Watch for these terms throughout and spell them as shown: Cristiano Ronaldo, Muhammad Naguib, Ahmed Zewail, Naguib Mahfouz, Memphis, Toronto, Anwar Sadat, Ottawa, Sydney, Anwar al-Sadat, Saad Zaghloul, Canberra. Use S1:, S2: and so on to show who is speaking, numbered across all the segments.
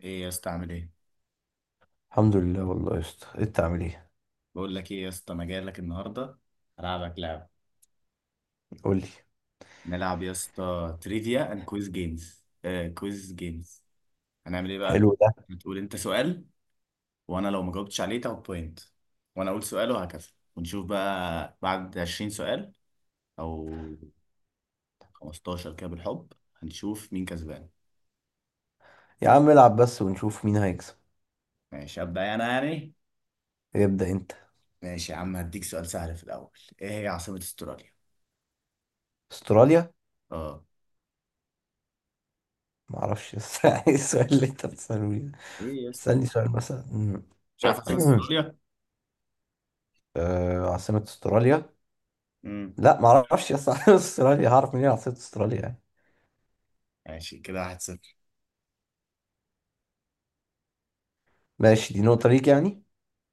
S1: ايه يا اسطى؟ عامل ايه؟
S2: الحمد لله، والله يا اسطى انت عامل ايه؟
S1: بقول لك ايه يا اسطى، انا جاي لك النهارده هلعبك لعبه.
S2: قول لي.
S1: نلعب يا اسطى تريفيا اند كويز جيمز، كويز جيمز. هنعمل ايه بقى؟
S2: حلو ده.
S1: هتقول انت سؤال، وانا لو ما جاوبتش عليه تاخد بوينت، وانا اقول سؤال وهكذا، ونشوف بقى بعد 20 سؤال او 15 كده بالحب هنشوف مين كسبان.
S2: يا عم العب بس ونشوف مين هيكسب.
S1: ماشي، ابدا انا يعني.
S2: ابدأ انت.
S1: ماشي يا عم، هديك سؤال سهل في الاول. ايه هي عاصمه استراليا؟
S2: استراليا.
S1: اه،
S2: ما اعرفش بس ايه السؤال اللي انت بتسأله لي؟
S1: ايه يا اسطى؟
S2: تسألني سؤال مثلا.
S1: مش عارف عاصمه استراليا؟
S2: عاصمة استراليا.
S1: امم
S2: لا ما اعرفش يا اسطى عاصمة استراليا هعرف منين؟ عاصمة استراليا يعني.
S1: ماشي، كده 1-0.
S2: ماشي دي نقطة ليك يعني.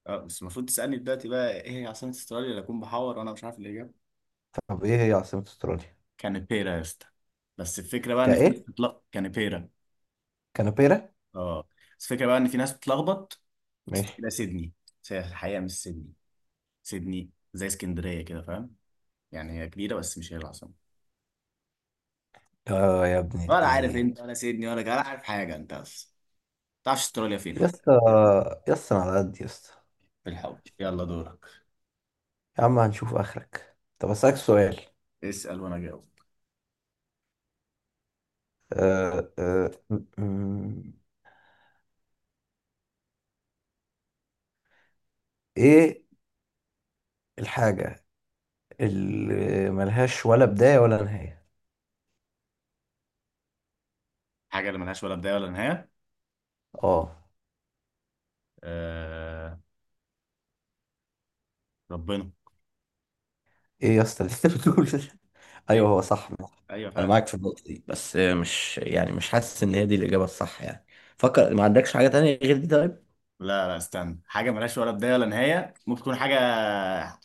S1: اه، بس المفروض تسألني دلوقتي بقى ايه هي عاصمة استراليا اللي اكون بحور وانا مش عارف الاجابة.
S2: طب ايه هي عاصمة استراليا؟
S1: كانبيرا يا اسطى، بس الفكرة بقى ان في ناس
S2: كايه
S1: بتتلخبط. كانبيرا.
S2: كانبيرا.
S1: اه، بس الفكرة بقى ان في ناس بتتلخبط،
S2: ماشي.
S1: بتفتكرها سيدني، بس هي الحقيقة مش سيدني. سيدني زي اسكندرية كده، فاهم؟ يعني هي كبيرة بس مش هي العاصمة.
S2: اه يا ابن
S1: ولا عارف
S2: الايه.
S1: انت، ولا سيدني، ولا عارف حاجة انت اصلا، تعرفش استراليا فين
S2: يا
S1: حتى؟
S2: اسطى يا اسطى، أنا على قد يا اسطى.
S1: في الحول. يلا دورك.
S2: يا عم هنشوف اخرك. طب اسألك سؤال.
S1: اسأل وانا جاوب.
S2: آه، آه، م- م- ايه الحاجة اللي ملهاش ولا بداية ولا نهاية؟
S1: حاجة اللي ملهاش ولا بداية ولا نهاية؟
S2: اه.
S1: آه... ربنا.
S2: ايه يا اسطى اللي انت بتقول ده؟
S1: ايوه.
S2: ايوه هو صح.
S1: ايوه
S2: انا
S1: فعلا.
S2: معاك في النقطة دي، بس مش يعني مش حاسس ان هي دي الإجابة الصح يعني. فكر، ما عندكش حاجة تانية غير دي طيب؟
S1: لا لا، استنى، حاجة ملهاش ولا بداية ولا نهاية، ممكن تكون حاجة،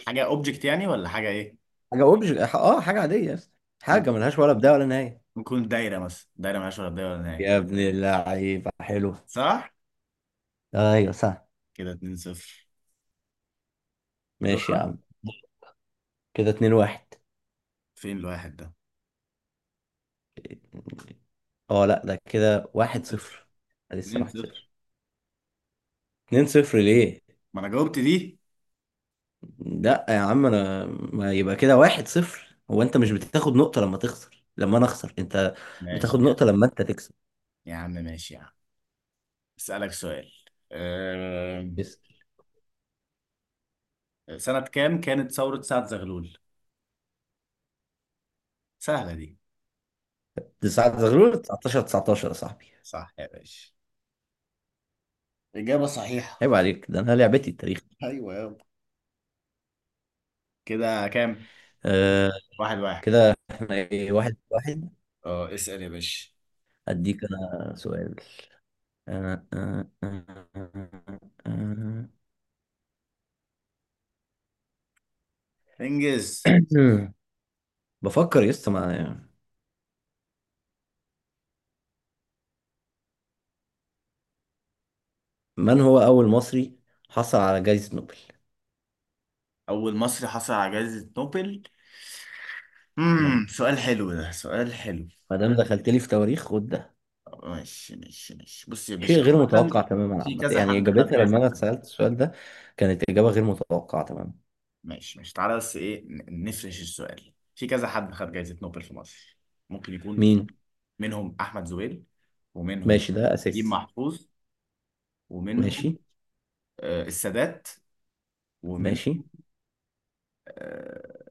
S1: حاجة اوبجكت يعني، ولا حاجة ايه؟
S2: حاجة اوبج اه حاجة عادية يا اسطى. حاجة
S1: ممكن
S2: ملهاش ولا بداية ولا نهاية.
S1: تكون دايرة مثلا، دايرة ملهاش ولا بداية ولا نهاية.
S2: يا ابن اللعيبة حلو.
S1: صح.
S2: ايوه صح.
S1: كده 2 0. دور.
S2: ماشي يا عم. كده 2-1.
S1: فين الواحد ده؟
S2: اه لا ده كده
S1: 2
S2: واحد
S1: 0.
S2: صفر لسه
S1: 2
S2: واحد صفر
S1: 0.
S2: 2-0 ليه؟
S1: ما انا جاوبت دي.
S2: لا يا عم، انا ما يبقى كده 1-0. هو انت مش بتاخد نقطة لما تخسر؟ لما انا اخسر، انت
S1: ماشي
S2: بتاخد
S1: يا عم.
S2: نقطة لما انت تكسب.
S1: يا عم ماشي يا عم، اسألك سؤال. أم...
S2: بس
S1: سنة كام كانت ثورة سعد زغلول؟ سهلة دي.
S2: 9 19 19 يا صاحبي.
S1: صح يا باشا، إجابة صحيحة.
S2: عيب عليك، ده انا لعبتي التاريخ.
S1: ايوه يابا. كده كام؟
S2: آه.
S1: واحد واحد.
S2: كده احنا ايه، 1-1.
S1: اه اسأل يا باشا.
S2: اديك انا سؤال. آه آه آه آه
S1: انجز.
S2: آه. بفكر يسطا. مع من هو اول مصري حصل على جائزة نوبل؟
S1: أول مصري حصل على جائزة نوبل؟
S2: اه،
S1: سؤال حلو ده، سؤال حلو.
S2: ما دام دخلت لي في تواريخ خد ده.
S1: ماشي ماشي ماشي، بص يا
S2: شيء
S1: باشا.
S2: غير
S1: عامة
S2: متوقع تماما
S1: في
S2: عامة،
S1: كذا
S2: يعني
S1: حد خد
S2: إجابتها لما
S1: جائزة
S2: أنا
S1: نوبل.
S2: اتسألت السؤال ده كانت إجابة غير متوقعة تماما.
S1: ماشي ماشي، تعالى بس إيه، نفرش السؤال، في كذا حد خد جائزة نوبل في مصر، ممكن يكون
S2: مين؟
S1: منهم أحمد زويل، ومنهم
S2: ماشي ده
S1: نجيب
S2: أساسي.
S1: محفوظ،
S2: ماشي.
S1: ومنهم السادات، ومن،
S2: ماشي.
S1: آه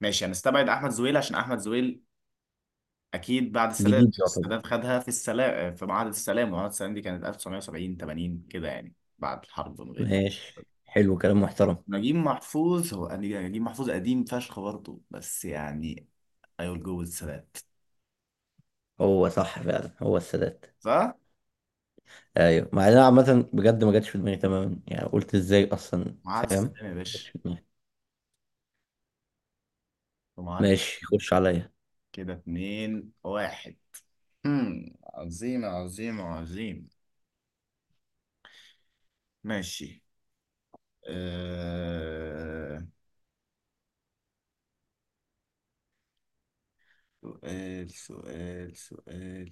S1: ماشي. هنستبعد أحمد زويل عشان أحمد زويل اكيد بعد السادات،
S2: جديد يعتبر.
S1: السادات خدها في السلام، في معاهده السلام، ومعاهده السلام دي كانت 1970 80 كده يعني بعد الحرب ما بين.
S2: ماشي حلو كلام محترم.
S1: نجيب محفوظ، هو نجيب محفوظ قديم فشخ برضه بس يعني، I will go with السلام.
S2: هو صح فعلا، هو السادات.
S1: صح؟
S2: أيوه، مع إن أنا عامة بجد ما جاتش في دماغي تماما. يعني قلت إزاي أصلا،
S1: معاهده
S2: فاهم؟
S1: السلام يا
S2: ما جاتش
S1: باشا،
S2: في دماغي.
S1: في معاهده.
S2: ماشي، خش عليا.
S1: كده اتنين واحد. امم عظيم عظيم عظيم. ماشي. أه... سؤال سؤال سؤال.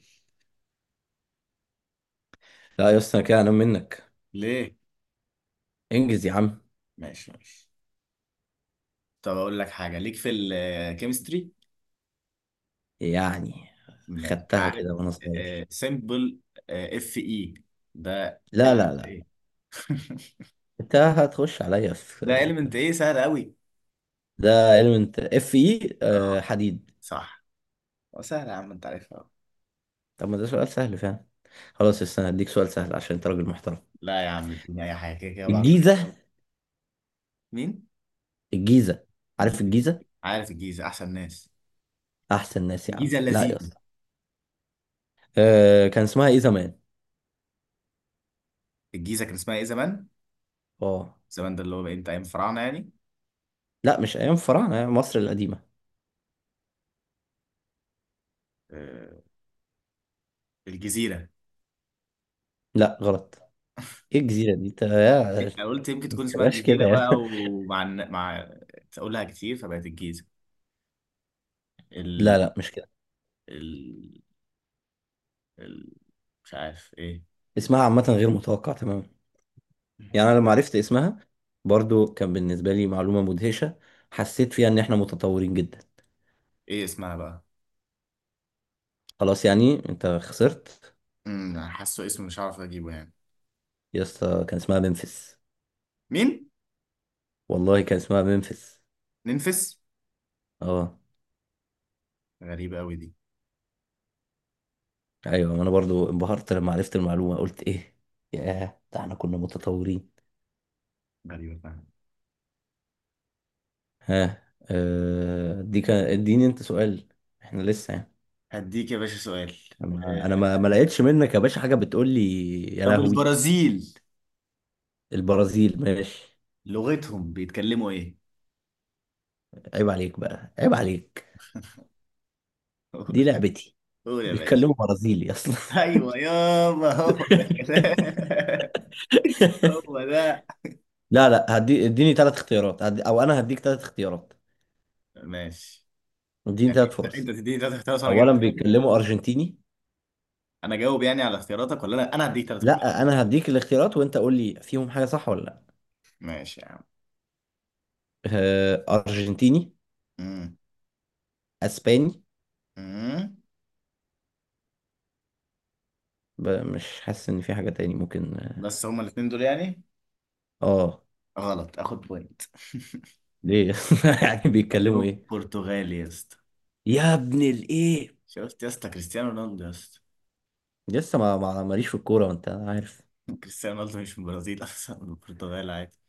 S2: لا يا اسطى أنا كده أنام منك.
S1: ليه؟
S2: انجز يا عم.
S1: ماشي ماشي. طب اقول لك حاجه ليك في الكيمستري.
S2: يعني
S1: ماشي
S2: خدتها
S1: عارف.
S2: كده وأنا صغير.
S1: سمبل اف اي ده
S2: لا لا
S1: element
S2: لا.
S1: ايه؟
S2: أنت هتخش عليا
S1: ده
S2: في
S1: element ايه، سهل قوي.
S2: ده. element اف اي.
S1: اه،
S2: حديد.
S1: صح. هو سهل يا عم، انت عارفها أهو.
S2: طب ما ده سؤال سهل فعلا. خلاص استنى هديك سؤال سهل عشان انت راجل محترم.
S1: لا يا عم اديني اي حاجه، كده كده بعض.
S2: الجيزة.
S1: مين؟
S2: الجيزة. عارف
S1: الجيزه.
S2: الجيزة؟
S1: عارف الجيزه، احسن ناس.
S2: احسن ناس يا عم.
S1: الجيزه
S2: لا يا
S1: اللذيذه.
S2: اسطى. أه، كان اسمها ايه زمان؟
S1: الجيزه كان اسمها ايه زمان؟
S2: اه
S1: زمان ده اللي هو بقى امتى، ايام الفراعنه يعني؟
S2: لا، مش ايام الفراعنة، أيام مصر القديمة.
S1: آه، الجزيره.
S2: لا غلط. ايه الجزيرة دي انت يا؟
S1: أنا قلت يمكن
S2: ما
S1: تكون اسمها
S2: تبقاش
S1: الجزيره
S2: كده
S1: بقى،
S2: يعني.
S1: ومع مع تقولها كتير فبقت الجيزه.
S2: لا
S1: ال
S2: لا مش كده.
S1: ال ال مش عارف ايه.
S2: اسمها عامة غير متوقع تماما. يعني انا لما عرفت اسمها، برضو كان بالنسبة لي معلومة مدهشة. حسيت فيها ان احنا متطورين جدا.
S1: ايه اسمها بقى؟
S2: خلاص يعني انت خسرت.
S1: أنا حاسه اسمه مش عارف اجيبه يعني.
S2: يا اسطى كان اسمها ممفيس.
S1: مين؟
S2: والله كان اسمها ممفيس.
S1: ننفس؟
S2: اه.
S1: غريبة قوي دي.
S2: ايوه، ما انا برضو انبهرت لما عرفت المعلومه. قلت ايه، ياه ده احنا كنا متطورين.
S1: غريبة فعلا.
S2: ها. دي كان، اديني انت سؤال. احنا لسه يعني.
S1: هديك يا باشا سؤال.
S2: انا ما,
S1: آه،
S2: ما لقيتش منك يا باشا حاجه بتقول لي. يا
S1: طب
S2: لهوي.
S1: البرازيل
S2: البرازيل، ماشي.
S1: لغتهم بيتكلموا ايه؟
S2: عيب عليك بقى، عيب عليك.
S1: قول.
S2: دي لعبتي.
S1: قول يا باشا.
S2: بيتكلموا برازيلي اصلا.
S1: ايوه يابا، هو ده الكلام. هو ده.
S2: لا لا، هدي اديني ثلاث اختيارات. هدي، او انا هديك ثلاث اختيارات.
S1: ماشي.
S2: اديني ثلاث
S1: انت
S2: فرص.
S1: تديني ثلاث اختيارات وانا جاوب؟
S2: اولا بيتكلموا ارجنتيني.
S1: انا جاوب يعني على اختياراتك، ولا لا انا هديك ثلاث اختيارات؟
S2: لا انا هديك الاختيارات وانت قول لي فيهم حاجه صح ولا لا.
S1: ماشي يا عم.
S2: ارجنتيني.
S1: امم
S2: اسباني.
S1: امم
S2: مش حاسس ان في حاجه تاني ممكن.
S1: بس هما الاثنين دول يعني؟
S2: اه.
S1: غلط، اخد بوينت.
S2: ليه؟ يعني بيتكلموا
S1: كلمه
S2: ايه؟
S1: برتغالي يا اسطى.
S2: يا ابن الايه.
S1: شفت يا اسطى، كريستيانو رونالدو يا اسطى.
S2: لسه ماليش في الكوره وانت عارف.
S1: كريستيانو رونالدو مش من البرازيل اصلا، من البرتغال، عادي.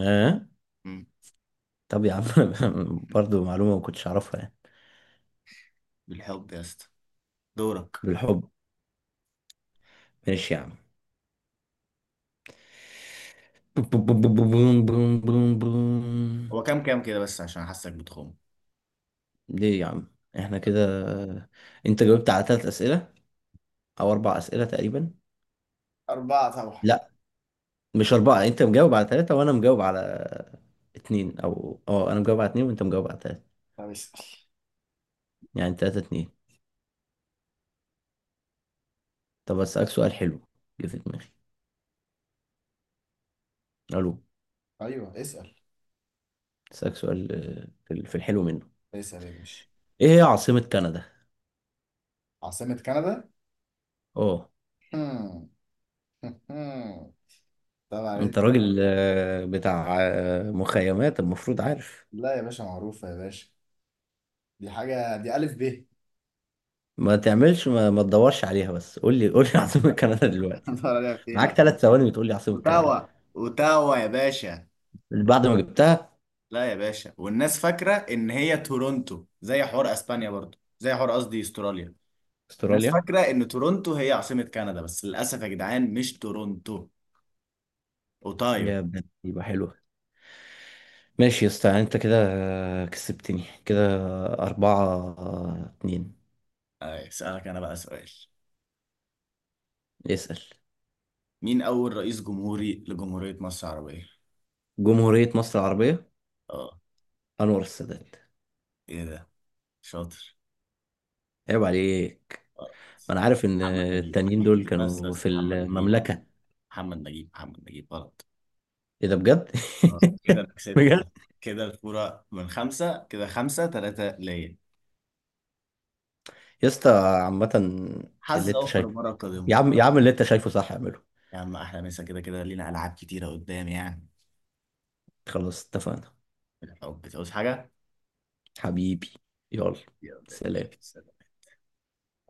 S2: اه.
S1: مم.
S2: طب يا عم برضو معلومه ما كنتش اعرفها يعني.
S1: بالحب يا اسطى. دورك.
S2: بالحب. ماشي يا عم بوم بوم بوم بوم بوم بوم بوم.
S1: هو كام كام كده بس، عشان حاسك بتخم.
S2: ليه يا عم؟ احنا كده، انت جاوبت على ثلاث اسئله او اربع اسئله تقريبا.
S1: أربعة طبعا.
S2: لا مش اربعه، يعني انت مجاوب على ثلاثه وانا مجاوب على اتنين. او اه انا مجاوب على اتنين وانت مجاوب على ثلاثه.
S1: طب اسأل.
S2: يعني 3-2. طب اسالك سؤال حلو جه في دماغي. الو.
S1: أيوه اسأل.
S2: اسالك سؤال، في الحلو منه.
S1: اسأل يا باشا.
S2: ايه هي عاصمه كندا؟
S1: عاصمة كندا؟
S2: اه،
S1: هم. هم. طبعا
S2: انت
S1: انت.
S2: راجل بتاع مخيمات، المفروض عارف.
S1: لا يا باشا، معروفة يا باشا، دي حاجة دي ألف ب.
S2: ما تعملش، ما تدورش عليها، بس قول لي قول لي عاصمه كندا دلوقتي.
S1: دور عليها فين
S2: معاك
S1: يا عم.
S2: 3 ثواني بتقول لي عاصمه كندا.
S1: اوتاوا. اوتاوا يا باشا.
S2: بعد ما جبتها.
S1: لا يا باشا، والناس فاكره ان هي تورونتو، زي حوار اسبانيا برضو، زي حوار، قصدي استراليا. الناس
S2: استراليا.
S1: فاكره ان تورونتو هي عاصمه كندا، بس للاسف يا جدعان مش تورونتو. اوتايو.
S2: يا ابن، يبقى حلو. ماشي يا اسطى، يعني انت كده كسبتني، كده 4-2.
S1: اسالك انا بقى سؤال.
S2: اسأل.
S1: مين اول رئيس جمهوري لجمهوريه مصر العربيه؟
S2: جمهورية مصر العربية.
S1: اه.
S2: أنور السادات.
S1: ايه ده، شاطر.
S2: عيب عليك،
S1: آه،
S2: ما أنا عارف إن
S1: محمد نجيب.
S2: التانيين دول
S1: بس
S2: كانوا
S1: بس
S2: في
S1: محمد نجيب،
S2: المملكة.
S1: محمد نجيب، محمد نجيب غلط.
S2: إيه ده بجد؟
S1: كده انا كسبت.
S2: بجد؟
S1: كده كده الفورة من خمسة، كده خمسة تلاتة ليا.
S2: يا اسطى عامة اللي
S1: حظ
S2: أنت
S1: أوفر
S2: شايفه.
S1: المرة القادمة.
S2: يا عم يا عم، اللي أنت شايفه صح اعمله.
S1: يا عم أحلى مسا، كده كده لينا ألعاب كتيرة قدام يعني.
S2: خلاص اتفقنا.
S1: بالحب، تعوز حاجة؟
S2: حبيبي. يلا.
S1: يلا يا باشا.
S2: سلام.
S1: سلام.